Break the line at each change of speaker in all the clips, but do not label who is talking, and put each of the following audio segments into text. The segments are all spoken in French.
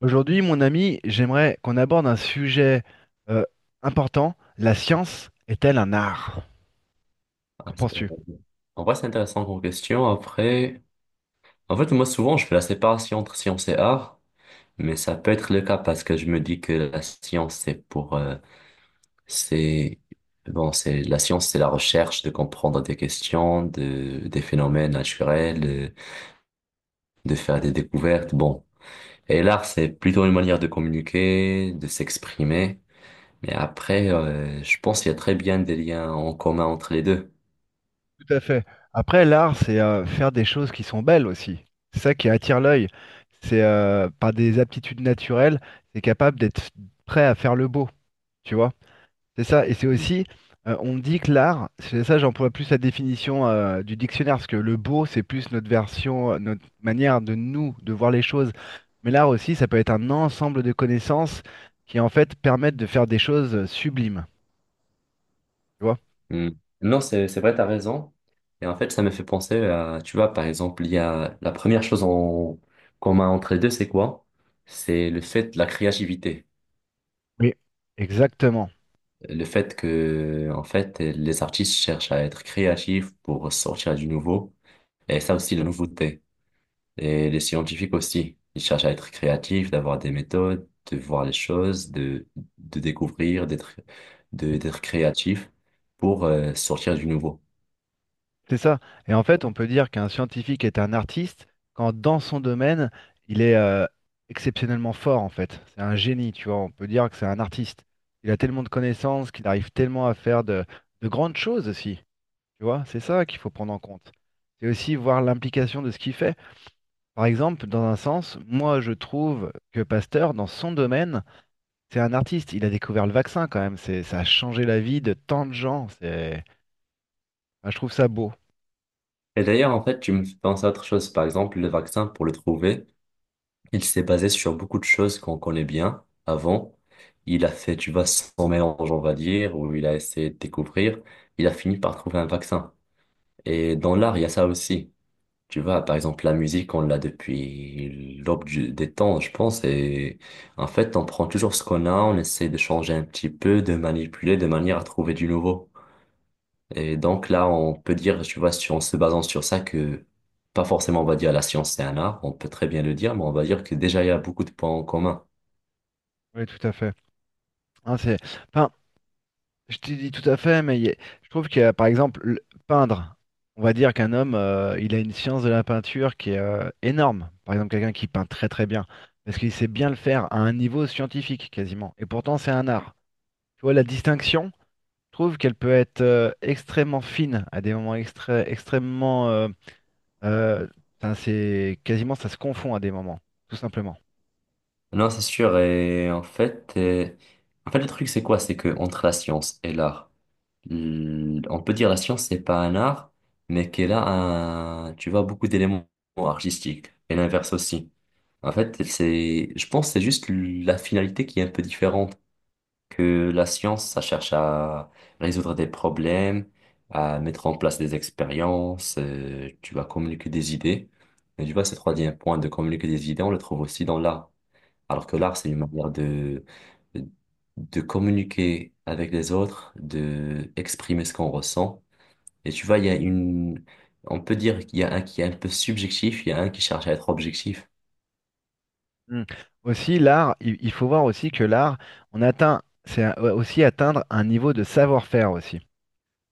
Aujourd'hui, mon ami, j'aimerais qu'on aborde un sujet euh, important. La science est-elle un art?
Ah,
Qu'en penses-tu?
en vrai, c'est intéressant comme question. Après, en fait, moi, souvent, je fais la séparation entre science et art, mais ça peut être le cas parce que je me dis que la science, c'est pour, c'est, bon, c'est, la science, c'est la recherche de comprendre des questions, de, des phénomènes naturels, de faire des découvertes. Bon. Et l'art, c'est plutôt une manière de communiquer, de s'exprimer. Mais après, je pense qu'il y a très bien des liens en commun entre les deux.
Tout à fait. Après, l'art, c'est faire des choses qui sont belles aussi. C'est ça qui attire l'œil. C'est par des aptitudes naturelles, c'est capable d'être prêt à faire le beau, tu vois? C'est ça, et c'est aussi, on dit que l'art, c'est ça, j'emploie plus la définition du dictionnaire, parce que le beau, c'est plus notre version, notre manière de nous, de voir les choses. Mais l'art aussi, ça peut être un ensemble de connaissances qui en fait permettent de faire des choses sublimes, tu vois?
Hmm. Non, c'est vrai, t'as raison. Et en fait, ça m'a fait penser à, tu vois, par exemple, il y a la première chose en commun entre les deux, c'est quoi? C'est le fait de la créativité.
Oui, exactement.
Le fait que, en fait, les artistes cherchent à être créatifs pour sortir du nouveau. Et ça aussi, la nouveauté. Et les scientifiques aussi. Ils cherchent à être créatifs, d'avoir des méthodes, de voir les choses, de découvrir, d'être, de, d'être créatifs pour sortir du nouveau.
C'est ça. Et en fait, on peut dire qu'un scientifique est un artiste quand dans son domaine, il est exceptionnellement fort, en fait. C'est un génie, tu vois. On peut dire que c'est un artiste. Il a tellement de connaissances qu'il arrive tellement à faire de grandes choses aussi. Tu vois, c'est ça qu'il faut prendre en compte. C'est aussi voir l'implication de ce qu'il fait. Par exemple, dans un sens, moi, je trouve que Pasteur, dans son domaine, c'est un artiste. Il a découvert le vaccin quand même. C'est, ça a changé la vie de tant de gens. C'est, enfin, je trouve ça beau.
Et d'ailleurs, en fait, tu me fais penser à autre chose. Par exemple, le vaccin, pour le trouver, il s'est basé sur beaucoup de choses qu'on connaît bien avant. Il a fait, tu vois, son mélange, on va dire, où il a essayé de découvrir. Il a fini par trouver un vaccin. Et dans l'art, il y a ça aussi. Tu vois, par exemple, la musique, on l'a depuis des temps, je pense. Et en fait, on prend toujours ce qu'on a, on essaie de changer un petit peu, de manipuler de manière à trouver du nouveau. Et donc là, on peut dire, tu vois, si en se basant sur ça, que pas forcément on va dire la science c'est un art, on peut très bien le dire, mais on va dire que déjà il y a beaucoup de points en commun.
Oui, tout à fait. Hein, c'est... Enfin, je t'ai dit tout à fait, mais je trouve que, par exemple, peindre, on va dire qu'un homme, il a une science de la peinture qui est énorme. Par exemple, quelqu'un qui peint très très bien, parce qu'il sait bien le faire à un niveau scientifique quasiment. Et pourtant, c'est un art. Tu vois, la distinction, je trouve qu'elle peut être extrêmement fine à des moments extrêmement... euh, enfin, c'est quasiment, ça se confond à des moments, tout simplement.
Non, c'est sûr. Et en fait le truc c'est quoi? C'est que entre la science et l'art, on peut dire la science c'est pas un art, mais qu'elle a un, tu vois, beaucoup d'éléments artistiques. Et l'inverse aussi. En fait, c'est, je pense, que c'est juste la finalité qui est un peu différente. Que la science, ça cherche à résoudre des problèmes, à mettre en place des expériences, tu vas communiquer des idées. Mais tu vois, ce troisième point de communiquer des idées, on le trouve aussi dans l'art. Alors que l'art, c'est une manière de communiquer avec les autres, de exprimer ce qu'on ressent. Et tu vois, il y a une, on peut dire qu'il y a un qui est un peu subjectif, il y a un qui cherche à être objectif.
Mm. Aussi, l'art, il faut voir aussi que l'art, on atteint, ouais, aussi atteindre un niveau de savoir-faire aussi.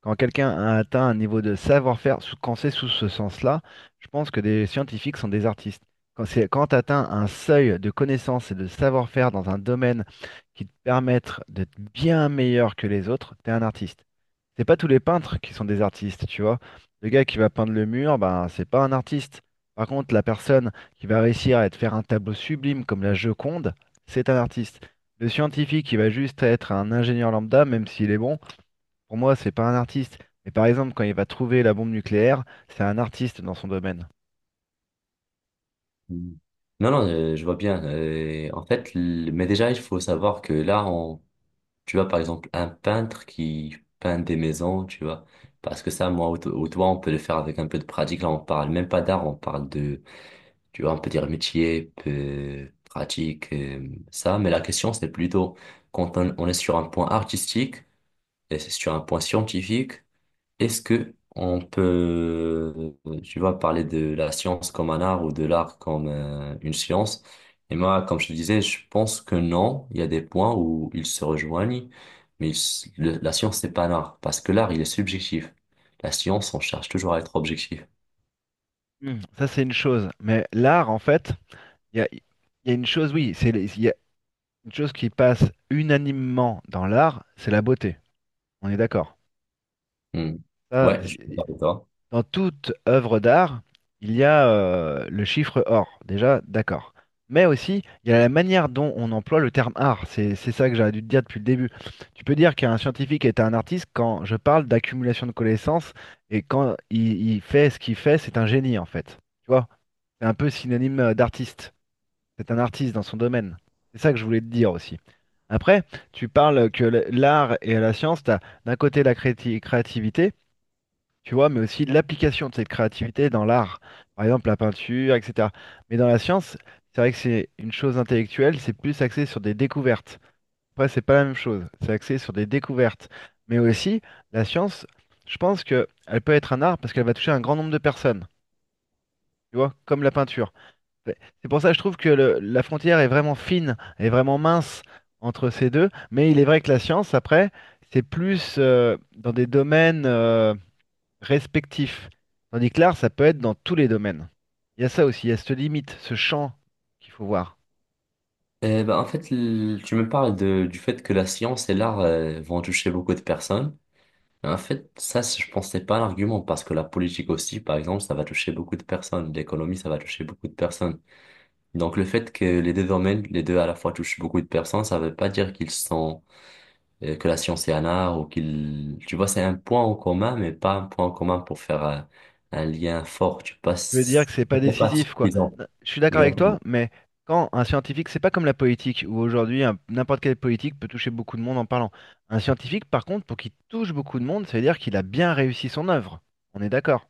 Quand quelqu'un a atteint un niveau de savoir-faire, quand c'est sous ce sens-là, je pense que des scientifiques sont des artistes. Quand c'est, quand tu atteins un seuil de connaissance et de savoir-faire dans un domaine qui te permettent d'être bien meilleur que les autres, tu es un artiste. C'est pas tous les peintres qui sont des artistes, tu vois. Le gars qui va peindre le mur, ben, c'est pas un artiste. Par contre, la personne qui va réussir à te faire un tableau sublime comme la Joconde, c'est un artiste. Le scientifique qui va juste être un ingénieur lambda, même s'il est bon, pour moi, c'est pas un artiste. Mais par exemple, quand il va trouver la bombe nucléaire, c'est un artiste dans son domaine.
Mm. Non, non, je vois bien. En fait, mais déjà, il faut savoir que là, on… Tu vois, par exemple, un peintre qui peint des maisons, tu vois. Parce que ça, moi ou, ou toi, on peut le faire avec un peu de pratique. Là, on parle même pas d'art, on parle de, tu vois, on peut dire métier, pratique, ça. Mais la question, c'est plutôt quand on est sur un point artistique et c'est sur un point scientifique. Est-ce que on peut, tu vois, parler de la science comme un art ou de l'art comme une science? Et moi, comme je te disais, je pense que non. Il y a des points où ils se rejoignent, mais la science, c'est pas un art parce que l'art, il est subjectif. La science, on cherche toujours à être objectif.
Hmm, ça, c'est une chose. Mais l'art, en fait, il y a une chose, oui, c'est, il y a une chose qui passe unanimement dans l'art, c'est la beauté. On est d'accord.
Hmm.
Ça,
Ouais, je suis d'accord avec toi.
dans toute œuvre d'art, il y a le chiffre or, déjà, d'accord. Mais aussi, il y a la manière dont on emploie le terme art. C'est ça que j'aurais dû te dire depuis le début. Tu peux dire qu'un scientifique est un artiste quand je parle d'accumulation de connaissances et quand il fait ce qu'il fait, c'est un génie en fait. Tu vois, c'est un peu synonyme d'artiste. C'est un artiste dans son domaine. C'est ça que je voulais te dire aussi. Après, tu parles que l'art et la science, tu as d'un côté la créativité, tu vois, mais aussi de l'application de cette créativité dans l'art, par exemple la peinture, etc. Mais dans la science, c'est vrai que c'est une chose intellectuelle, c'est plus axé sur des découvertes. Après, c'est pas la même chose, c'est axé sur des découvertes. Mais aussi, la science, je pense que elle peut être un art parce qu'elle va toucher un grand nombre de personnes, tu vois, comme la peinture. C'est c'est pour ça que je trouve que la frontière est vraiment fine, est vraiment mince entre ces deux. Mais il est vrai que la science, après, c'est plus dans des domaines. Respectif. Tandis que l'art, ça peut être dans tous les domaines. Il y a ça aussi, il y a cette limite, ce champ qu'il faut voir.
Eh ben, en fait, tu me parles de, du fait que la science et l'art vont toucher beaucoup de personnes. En fait, ça, je pensais pas à l'argument parce que la politique aussi, par exemple, ça va toucher beaucoup de personnes. L'économie, ça va toucher beaucoup de personnes. Donc, le fait que les deux domaines, les deux à la fois touchent beaucoup de personnes, ça veut pas dire qu'ils sont, que la science est un art ou qu'ils, tu vois, c'est un point en commun, mais pas un point en commun pour faire un lien fort. Tu
Je veux dire
passes,
que c'est pas
c'est pas
décisif, quoi.
suffisant.
Non, je suis d'accord avec toi,
Exactement.
mais quand un scientifique, c'est pas comme la politique, où aujourd'hui n'importe quel politique peut toucher beaucoup de monde en parlant. Un scientifique, par contre, pour qu'il touche beaucoup de monde, ça veut dire qu'il a bien réussi son œuvre. On est d'accord.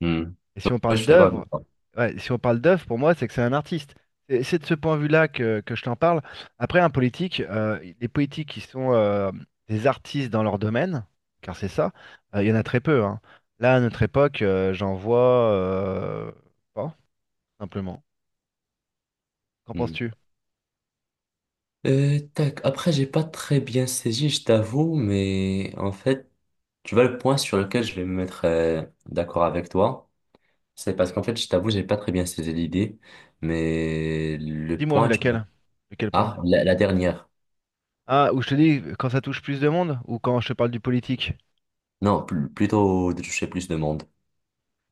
Hmm.
Et si on
Ouais, je
parle
suis d'accord
d'œuvre,
avec toi.
ouais, si on parle d'œuvre, pour moi, c'est que c'est un artiste. Et c'est de ce point de vue-là que je t'en parle. Après, un politique, les politiques qui sont des artistes dans leur domaine, car c'est ça, il y en a très peu, hein. Là, à notre époque, j'en vois pas, simplement. Qu'en
Hmm.
penses-tu?
Tac. Après, j'ai pas très bien saisi, je t'avoue, mais en fait… Tu vois, le point sur lequel je vais me mettre d'accord avec toi, c'est parce qu'en fait, je t'avoue, j'ai pas très bien saisi l'idée, mais le
Dis-moi,
point, tu vois…
laquelle? De quel point?
Ah, la dernière.
Ah, ou je te dis quand ça touche plus de monde, ou quand je te parle du politique?
Non, plutôt de toucher plus de monde.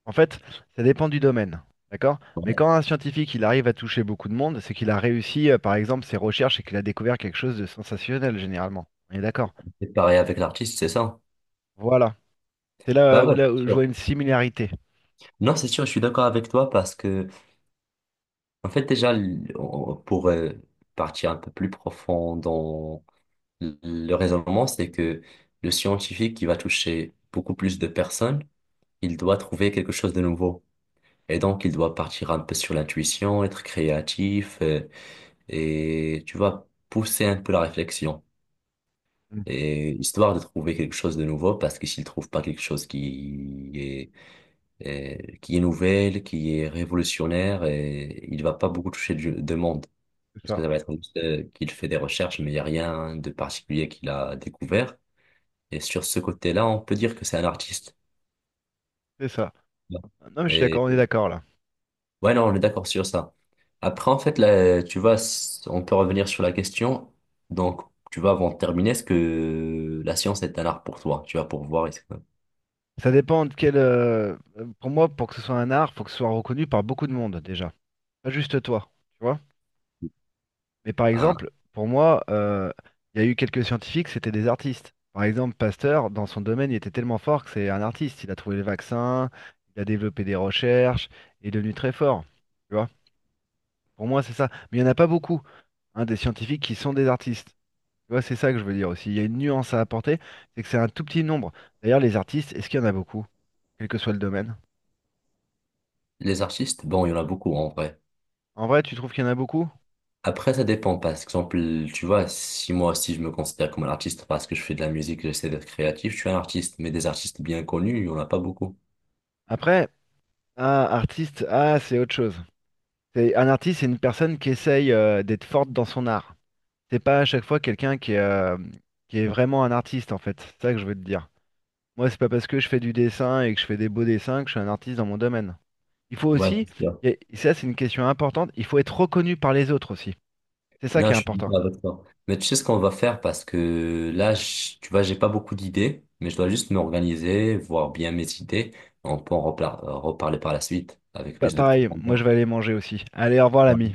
En fait, ça dépend du domaine, d'accord? Mais
Ouais.
quand un scientifique il arrive à toucher beaucoup de monde, c'est qu'il a réussi, par exemple, ses recherches et qu'il a découvert quelque chose de sensationnel, généralement. On est d'accord?
C'est pareil avec l'artiste, c'est ça?
Voilà. C'est
Bah ouais,
là
c'est
où je vois
sûr.
une similarité.
Non, c'est sûr, je suis d'accord avec toi parce que, en fait, déjà, pour partir un peu plus profond dans le raisonnement, c'est que le scientifique qui va toucher beaucoup plus de personnes, il doit trouver quelque chose de nouveau. Et donc, il doit partir un peu sur l'intuition, être créatif, et tu vois, pousser un peu la réflexion.
Mm.
Et histoire de trouver quelque chose de nouveau, parce que s'il trouve pas quelque chose qui est nouvelle, qui est révolutionnaire, et il va pas beaucoup toucher de monde.
C'est
Parce que
ça.
ça va être juste qu'il fait des recherches, mais il n'y a rien de particulier qu'il a découvert. Et sur ce côté-là, on peut dire que c'est un artiste.
C'est ça. Non, mais je suis
Et…
d'accord, on est d'accord là.
Ouais, non, on est d'accord sur ça. Après, en fait, là, tu vois, on peut revenir sur la question. Donc, tu vois, avant de terminer, est-ce que la science est un art pour toi? Tu vas pour voir. Est-ce que…
Ça dépend de quel. Pour moi, pour que ce soit un art, faut que ce soit reconnu par beaucoup de monde déjà. Pas juste toi, tu vois? Mais par
Ah,
exemple, pour moi, il y a eu quelques scientifiques, c'était des artistes. Par exemple, Pasteur, dans son domaine, il était tellement fort que c'est un artiste. Il a trouvé le vaccin, il a développé des recherches, il est devenu très fort. Tu vois? Pour moi, c'est ça. Mais il n'y en a pas beaucoup, hein, des scientifiques qui sont des artistes. Tu vois, c'est ça que je veux dire aussi. Il y a une nuance à apporter, c'est que c'est un tout petit nombre. D'ailleurs, les artistes, est-ce qu'il y en a beaucoup, quel que soit le domaine?
les artistes, bon, il y en a beaucoup en vrai.
En vrai, tu trouves qu'il y en a beaucoup?
Après, ça dépend. Par exemple, tu vois, si moi aussi je me considère comme un artiste parce que je fais de la musique, j'essaie d'être créatif, je suis un artiste. Mais des artistes bien connus, il n'y en a pas beaucoup.
Après, ah, artiste, ah, c'est autre chose. Un artiste, c'est une personne qui essaye d'être forte dans son art. C'est pas à chaque fois quelqu'un qui est vraiment un artiste, en fait. C'est ça que je veux te dire. Moi, c'est pas parce que je fais du dessin et que je fais des beaux dessins que je suis un artiste dans mon domaine. Il faut
Ouais,
aussi,
c'est sûr.
et ça c'est une question importante, il faut être reconnu par les autres aussi. C'est ça qui
Non,
est
je suis
important.
d'accord avec toi. Mais tu sais ce qu'on va faire parce que là, tu vois, j'ai pas beaucoup d'idées, mais je dois juste m'organiser, voir bien mes idées. On peut en reparler par la suite avec plus de
Pareil, moi je
profondeur.
vais aller manger aussi. Allez, au revoir l'ami.